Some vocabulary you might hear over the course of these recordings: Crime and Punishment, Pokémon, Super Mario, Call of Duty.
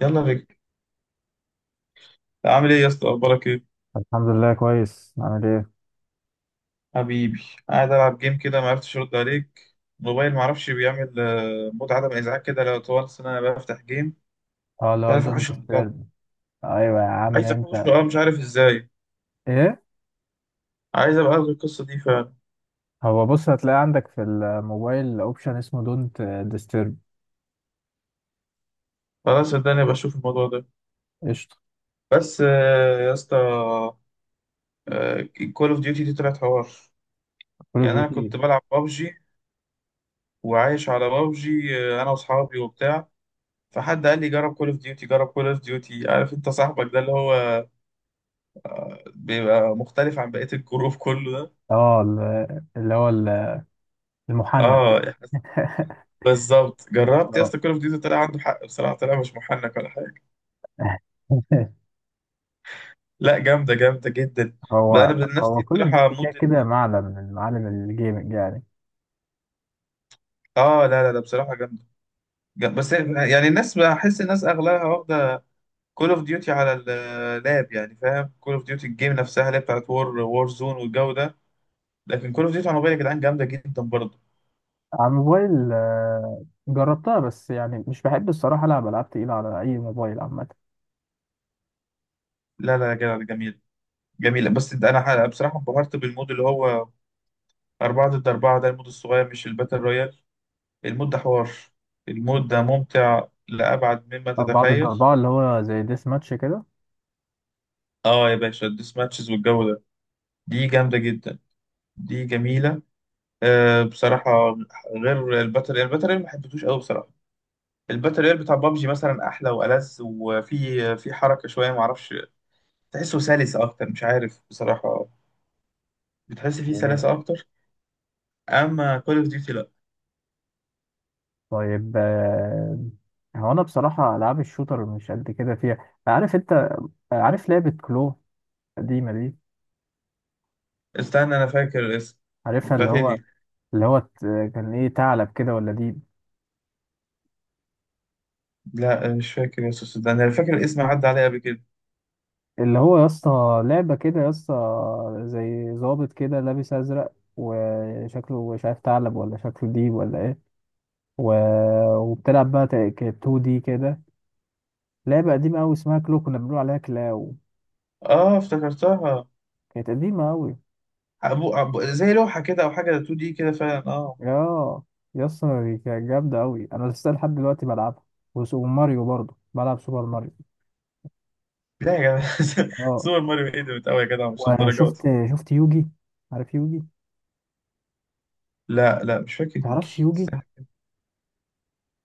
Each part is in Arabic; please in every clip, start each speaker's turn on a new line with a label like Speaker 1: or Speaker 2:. Speaker 1: يلا بك. عامل ايه يا اسطى، اخبارك ايه
Speaker 2: الحمد لله كويس. عامل ايه؟
Speaker 1: حبيبي؟ قاعد العب جيم كده، ما عرفتش ارد عليك. الموبايل ما اعرفش بيعمل مود عدم ازعاج كده، لو طول السنه انا بفتح جيم
Speaker 2: اه،
Speaker 1: مش
Speaker 2: لا
Speaker 1: عارف
Speaker 2: دونت
Speaker 1: احوش الموضوع.
Speaker 2: ديسترب. ايوه يا عم
Speaker 1: عايز احوش له،
Speaker 2: انت.
Speaker 1: اه مش عارف ازاي.
Speaker 2: ايه؟
Speaker 1: عايز ابقى اخد القصه دي فعلا.
Speaker 2: هو بص، هتلاقي عندك في الموبايل اوبشن اسمه دونت ديسترب.
Speaker 1: خلاص صدقني ابقى اشوف الموضوع ده.
Speaker 2: قشطه.
Speaker 1: بس يا اسطى، كول اوف ديوتي دي طلعت حوار.
Speaker 2: كول اوف
Speaker 1: يعني انا
Speaker 2: ديوتي.
Speaker 1: كنت بلعب بابجي وعايش على بابجي، انا واصحابي وبتاع، فحد قال لي جرب كول اوف ديوتي جرب كول اوف ديوتي. عارف انت صاحبك ده اللي هو بيبقى مختلف عن بقية الجروب كله ده؟
Speaker 2: اه اللي هو المحنك.
Speaker 1: اه احنا بالظبط. جربت يا
Speaker 2: اه.
Speaker 1: اسطى كول اوف ديوتي، طلع عنده حق بصراحة، طلع مش محنك ولا حاجة. لا جامدة، جامدة جدا. بقى انا
Speaker 2: هو
Speaker 1: بنفسي
Speaker 2: هو كول اوف
Speaker 1: بصراحة
Speaker 2: ديوتي كده
Speaker 1: مود
Speaker 2: كده معلم من معالم الجيمنج يعني.
Speaker 1: اه، لا بصراحة جامدة. جامدة. بس يعني الناس، بحس الناس اغلبها واخدة كول اوف ديوتي على اللاب، يعني فاهم، كول اوف ديوتي الجيم نفسها اللي هي بتاعت وور وور زون والجو ده. لكن كول اوف ديوتي على الموبايل يا جدعان جامدة جدا برضه.
Speaker 2: على الموبايل جربتها، بس يعني مش بحب الصراحه العب العاب تقيله على اي موبايل عامه.
Speaker 1: لا لا يا جدع ده جميل، جميل. بس ده انا بصراحة انبهرت بالمود اللي هو 4 ضد 4، ده المود الصغير مش الباتل رويال. المود ده حوار، المود ده ممتع لأبعد مما
Speaker 2: اربعه ضد
Speaker 1: تتخيل.
Speaker 2: اربعه اللي هو زي ديس ماتش كده؟
Speaker 1: آه يا باشا، الديس ماتشز والجو ده دي جامدة جدا، دي جميلة. آه بصراحة، غير الباتل رويال، الباتل رويال ما حبيتهوش أوي بصراحة. الباتل رويال بتاع بابجي مثلا أحلى وألذ، وفي في حركة شوية معرفش، تحسه سلس أكتر، مش عارف بصراحة، بتحس فيه سلاسة أكتر. أما كول أوف ديوتي لأ.
Speaker 2: طيب. هو انا بصراحه العاب الشوتر مش قد كده فيها، عارف انت؟ عارف لعبه كلو القديمه دي؟
Speaker 1: استنى أنا فاكر الاسم.
Speaker 2: عارفها، اللي
Speaker 1: بتاعت إيه
Speaker 2: هو،
Speaker 1: دي؟
Speaker 2: اللي هو كان ايه؟ ثعلب كده ولا دي؟
Speaker 1: لا مش فاكر يا استاذ، ده انا فاكر الاسم عدى عليا قبل كده.
Speaker 2: اللي هو يا اسطى لعبه كده يا اسطى، زي ظابط كده لابس ازرق وشكله مش عارف ثعلب ولا شكله ديب ولا ايه، و... وبتلعب بقى 2 دي كده. لعبه قديمه قوي اسمها كلو، كنا بنقول عليها كلاو.
Speaker 1: اه افتكرتها.
Speaker 2: كانت قديمه قوي.
Speaker 1: زي لوحه كده او حاجه، 2 دي كده فعلا اه.
Speaker 2: اه يا اسطى دي كانت جامدة أوي، أنا لسه لحد دلوقتي بلعبها. وماريو برضه بلعب سوبر ماريو.
Speaker 1: لا يا جدع
Speaker 2: اه.
Speaker 1: سوبر ماريو ايه ده؟ بتقوي يا جدع مش الدرجات
Speaker 2: وشفت،
Speaker 1: دي.
Speaker 2: شفت يوجي؟ عارف يوجي؟
Speaker 1: لا مش فاكر
Speaker 2: تعرفش
Speaker 1: يوكي،
Speaker 2: يوجي؟
Speaker 1: استنى.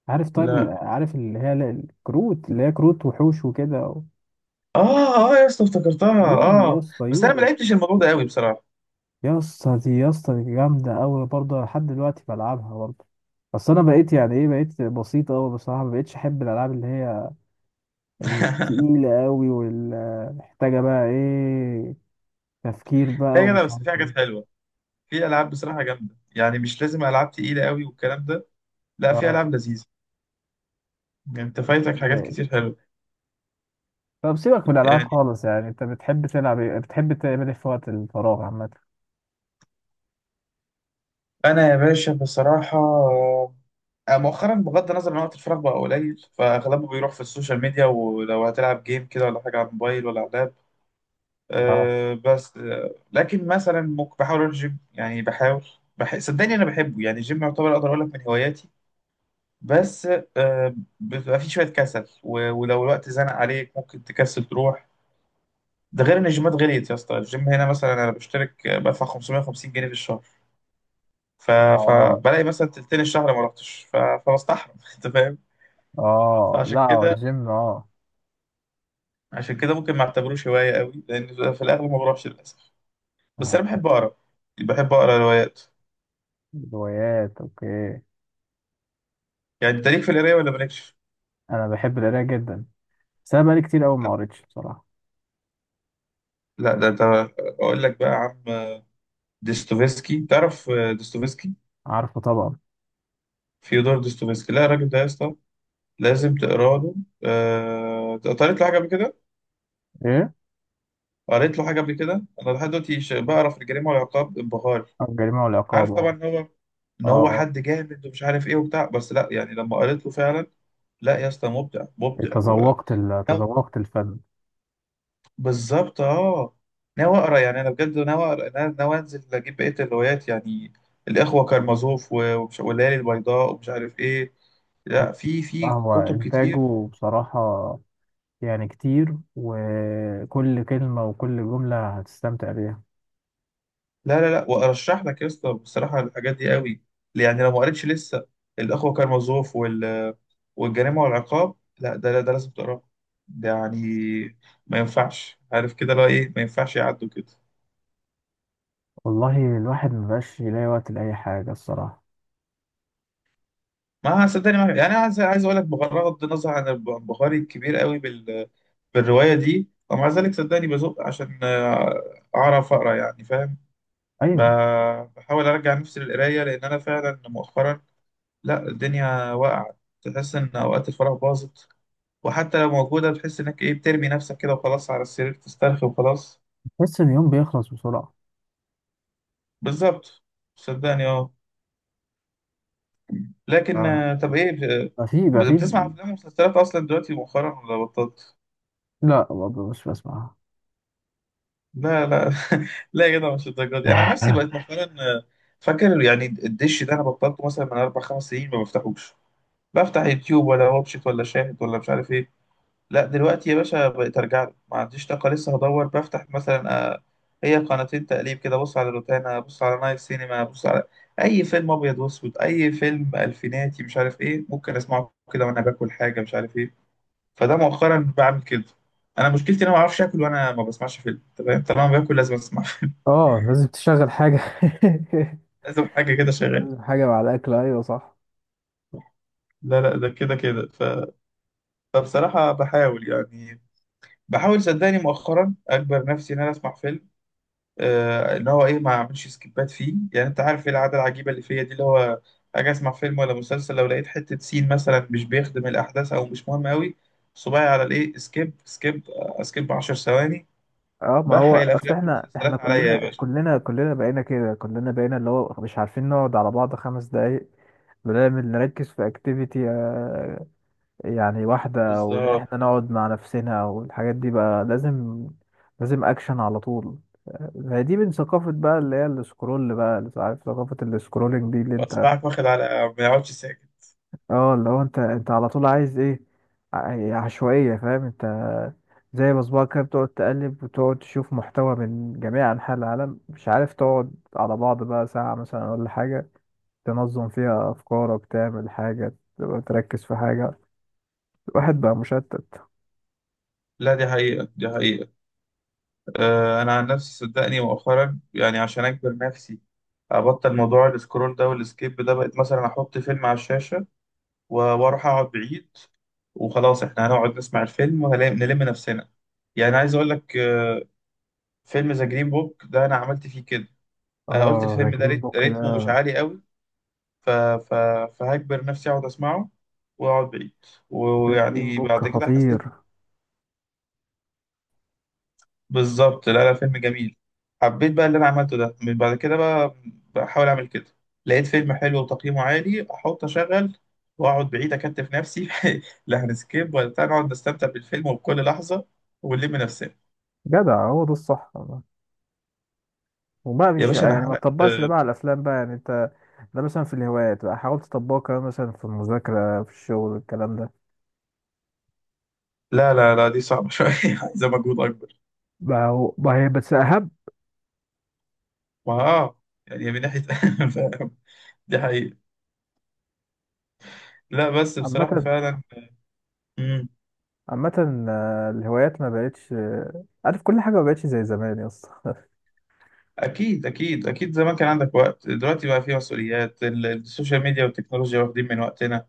Speaker 2: عارف طيب
Speaker 1: لا.
Speaker 2: عارف اللي هي الكروت اللي هي كروت وحوش وكده
Speaker 1: اه اه يا اسطى افتكرتها
Speaker 2: يوجي يا
Speaker 1: اه.
Speaker 2: اسطى،
Speaker 1: بس انا ما
Speaker 2: يوجي.
Speaker 1: لعبتش الموضوع ده قوي بصراحه.
Speaker 2: يا اسطى دي، يا اسطى دي جامدة أوي برضه، لحد دلوقتي بلعبها برضه. بس أنا بقيت يعني إيه، بقيت بسيط أوي بصراحة، مبقتش أحب الألعاب اللي هي التقيلة أوي والمحتاجة بقى إيه، تفكير
Speaker 1: لا
Speaker 2: بقى
Speaker 1: يا جدع
Speaker 2: ومش
Speaker 1: بس
Speaker 2: عارف
Speaker 1: في حاجات
Speaker 2: ايه.
Speaker 1: حلوه، في العاب بصراحه جامده، يعني مش لازم العاب تقيله قوي والكلام ده. لا في
Speaker 2: اه.
Speaker 1: العاب لذيذه، يعني انت فايتك حاجات
Speaker 2: ازاي؟
Speaker 1: كتير حلوه.
Speaker 2: طب سيبك من الالعاب
Speaker 1: يعني
Speaker 2: خالص، يعني انت بتحب تلعب ايه؟ بتحب تعمل ايه في وقت الفراغ عامه؟
Speaker 1: انا يا باشا بصراحه، مؤخرا، بغض النظر عن وقت الفراغ بقى قليل، فاغلبه بيروح في السوشيال ميديا، ولو هتلعب جيم كده ولا حاجه على الموبايل ولا على اللاب.
Speaker 2: اه،
Speaker 1: أه بس أه، لكن مثلا ممكن بحاول اروح الجيم، يعني بحاول. صدقني انا بحبه، يعني الجيم يعتبر اقدر اقول لك من هواياتي. بس أه، بيبقى فيه شويه كسل ولو الوقت زنق عليك ممكن تكسل تروح. ده غير ان الجيمات غليت يا اسطى. الجيم هنا مثلا انا بشترك بدفع 550 جنيه في الشهر. ف...
Speaker 2: اه،
Speaker 1: فبلاقي مثلا تلتين الشهر ما رحتش، فبستحرم انت فاهم.
Speaker 2: اه.
Speaker 1: فعشان
Speaker 2: لا هو
Speaker 1: كده،
Speaker 2: الجيم اه.
Speaker 1: عشان كده ممكن ما اعتبروش هوايه قوي، لان في الاغلب ما بروحش للاسف. بس
Speaker 2: آه.
Speaker 1: انا بحب اقرا، بحب اقرا روايات.
Speaker 2: روايات، اوكي.
Speaker 1: يعني انت ليك في القرايه ولا مالكش؟
Speaker 2: انا بحب القرايه جدا، بس انا بقالي كتير قوي ما قريتش بصراحه.
Speaker 1: لا ده انت، اقول لك بقى يا عم. ديستوفيسكي تعرف؟ ديستوفيسكي،
Speaker 2: عارفه طبعا.
Speaker 1: فيودور ديستوفيسكي. لا الراجل ده يا اسطى لازم تقرا له. قريت له حاجه قبل كده،
Speaker 2: ايه؟
Speaker 1: قريت له حاجه قبل كده، انا لحد دلوقتي بقرا في الجريمه والعقاب، انبهار.
Speaker 2: آه، الجريمه والعقاب،
Speaker 1: عارف طبعا
Speaker 2: اه.
Speaker 1: ان هو،
Speaker 2: اه.
Speaker 1: ان هو
Speaker 2: آه.
Speaker 1: حد جامد ومش عارف ايه وبتاع، بس لا يعني لما قريت له فعلا، لا يا اسطى، مبدع، مبدع
Speaker 2: تذوقت
Speaker 1: ناو-
Speaker 2: تذوقت الفن.
Speaker 1: بالظبط اه. ناوي اقرا، يعني انا بجد ناوي اقرا، انا ناوي انزل اجيب بقيه الروايات. يعني الاخوه كارمازوف والليالي البيضاء ومش عارف ايه، لا في
Speaker 2: آه،
Speaker 1: في
Speaker 2: هو
Speaker 1: كتب كتير.
Speaker 2: انتاجه بصراحه يعني كتير، وكل كلمه وكل جمله هتستمتع بيها.
Speaker 1: لا وارشح لك يا اسطى بصراحه الحاجات دي قوي، يعني لو ما قريتش لسه، الاخوه كارمازوف والجريمه والعقاب، لا ده، لا ده لازم تقراه. ده يعني ما ينفعش، عارف كده، لا ايه، ما ينفعش يعدوا كده.
Speaker 2: والله الواحد مبقاش يلاقي وقت لأي حاجة الصراحة.
Speaker 1: ما صدقني، ما يعني عايز، عايز اقول لك بغض النظر عن انبهاري الكبير قوي بالروايه دي، ومع ذلك صدقني بزق عشان اعرف اقرا، يعني فاهم.
Speaker 2: أيوة.
Speaker 1: بحاول ارجع نفسي للقرايه، لان انا فعلا مؤخرا، لا الدنيا واقعة. تحس إن أوقات الفراغ باظت، وحتى لو موجودة بتحس إنك إيه، بترمي نفسك كده وخلاص على السرير تسترخي وخلاص.
Speaker 2: تحس إن اليوم بيخلص بسرعة.
Speaker 1: بالظبط صدقني أه.
Speaker 2: ف-
Speaker 1: لكن طب إيه،
Speaker 2: ما في ما في
Speaker 1: بتسمع أفلام ومسلسلات أصلا دلوقتي مؤخرا ولا بطلت؟
Speaker 2: لا برضه مش بسمعها.
Speaker 1: لا لا لا يا جدع مش الدرجة دي. أنا عن نفسي بقيت مؤخرا فاكر يعني الدش ده أنا بطلته مثلا من أربع خمس سنين ما بفتحوش. بفتح يوتيوب ولا واتشيت ولا شاهد ولا مش عارف إيه. لا دلوقتي يا باشا بقيت ارجع له. ما عنديش طاقه لسه هدور، بفتح مثلا هي قناتين تقليب كده، بص على روتانا، بص على نايل سينما، بص على اي فيلم ابيض واسود، اي فيلم الفيناتي مش عارف ايه، ممكن اسمعه كده وانا باكل حاجه مش عارف ايه. فده مؤخرا بعمل كده. انا مشكلتي ان انا ما بعرفش اكل وانا ما بسمعش فيلم، تمام؟ طالما باكل لازم اسمع فيلم.
Speaker 2: اه لازم تشغل حاجة.
Speaker 1: لازم حاجه كده شغاله.
Speaker 2: لازم حاجة مع الأكل، أيوة صح.
Speaker 1: لا لا، ده كده كده فبصراحه بحاول يعني، بحاول صدقني مؤخرا اجبر نفسي ان انا اسمع فيلم، ان هو ايه، ما اعملش سكيبات فيه. يعني انت عارف ايه العاده العجيبه اللي فيا دي، اللي هو اجي اسمع فيلم ولا مسلسل، لو لقيت حته سين مثلا مش بيخدم الاحداث او مش مهم قوي، صباعي على الايه سكيب سكيب، سكيب 10 ثواني.
Speaker 2: اه، ما هو
Speaker 1: بحرق
Speaker 2: اصل
Speaker 1: الافلام
Speaker 2: احنا، احنا
Speaker 1: والمسلسلات عليا يا
Speaker 2: كلنا
Speaker 1: باشا.
Speaker 2: كلنا كلنا بقينا كده، كلنا بقينا اللي هو مش عارفين نقعد على بعض خمس دقايق. بنعمل نركز في اكتيفيتي يعني واحدة، وإن
Speaker 1: بالظبط.
Speaker 2: إحنا نقعد مع نفسنا والحاجات دي بقى لازم. لازم أكشن على طول. آه، هي دي من ثقافة بقى اللي هي السكرول بقى، اللي عارف ثقافة السكرولنج دي اللي أنت،
Speaker 1: اصبعك واخد على ما يقعدش ساكت.
Speaker 2: اه اللي هو أنت، أنت على طول عايز إيه، عشوائية، فاهم أنت؟ زي بصبعك كده بتقعد تقلب وتقعد تشوف محتوى من جميع أنحاء العالم، مش عارف تقعد على بعض بقى ساعة مثلا ولا حاجة تنظم فيها أفكارك، تعمل حاجة، تبقى تركز في حاجة. الواحد بقى مشتت.
Speaker 1: لا دي حقيقه، دي حقيقه. انا عن نفسي صدقني مؤخرا، يعني عشان اجبر نفسي ابطل موضوع السكرول ده والسكيب ده، بقيت مثلا احط فيلم على الشاشه واروح اقعد بعيد، وخلاص احنا هنقعد نسمع الفيلم ونلم نفسنا. يعني عايز اقول لك فيلم ذا جرين بوك ده انا عملت فيه كده. انا قلت
Speaker 2: اه، ذا
Speaker 1: الفيلم ده
Speaker 2: جرين بوك
Speaker 1: ريتمه مش
Speaker 2: ده.
Speaker 1: عالي قوي، ف... ف... فهجبر نفسي اقعد اسمعه واقعد بعيد،
Speaker 2: ذا جرين
Speaker 1: ويعني
Speaker 2: بوك
Speaker 1: بعد كده حسيت،
Speaker 2: خطير.
Speaker 1: بالظبط. لا لا فيلم جميل. حبيت بقى اللي انا عملته ده، من بعد كده بقى بحاول اعمل كده. لقيت فيلم حلو وتقييمه عالي، احط اشغل واقعد بعيد، اكتف نفسي لا هنسكيب ولا بتاع، نقعد نستمتع بالفيلم وبكل لحظه، ونلم نفسنا.
Speaker 2: جدع، هو ده الصح والله. وبقى
Speaker 1: يا
Speaker 2: مش
Speaker 1: باشا انا
Speaker 2: يعني ما
Speaker 1: حرقت
Speaker 2: تطبقش ده بقى على الافلام بقى يعني انت، ده مثلا في الهوايات بقى حاول تطبقه كمان، مثلا في المذاكره في الشغل، الكلام ده.
Speaker 1: لا دي صعبه شويه، عايزه مجهود اكبر.
Speaker 2: بقى هو بقى هي بس اهم.
Speaker 1: ما اه، يعني من ناحيه فاهم، دي حقيقه. لا بس
Speaker 2: عامه،
Speaker 1: بصراحه فعلا. مم.
Speaker 2: عامه آه، الهوايات ما بقتش، آه، عارف كل حاجه ما بقتش زي زمان يا اسطى.
Speaker 1: اكيد اكيد اكيد، زمان كان عندك وقت، دلوقتي بقى فيه مسؤوليات، السوشيال ميديا والتكنولوجيا واخدين من وقتنا.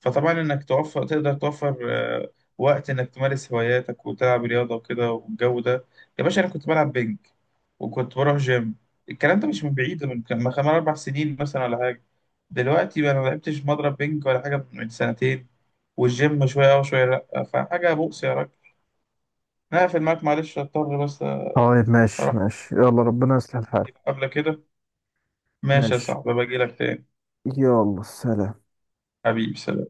Speaker 1: فطبعا انك توفر، تقدر توفر وقت انك تمارس هواياتك وتلعب رياضه وكده والجو ده. يا باشا انا كنت بلعب بينج، وكنت بروح جيم، الكلام ده مش من بعيد، من كان من خمس اربع سنين مثلا ولا حاجه. دلوقتي بقى انا ما لعبتش مضرب بينج ولا حاجه من سنتين، والجيم شويه اه وشويه لا، فحاجه بؤس يا راجل. انا هقفل معاك معلش اضطر، بس
Speaker 2: طيب، ماشي
Speaker 1: اروح
Speaker 2: ماشي، يلا ربنا يصلح الحال.
Speaker 1: عندي مقابله كده. ماشي يا
Speaker 2: ماشي،
Speaker 1: صاحبي، باجي لك تاني.
Speaker 2: يلا سلام.
Speaker 1: حبيبي سلام.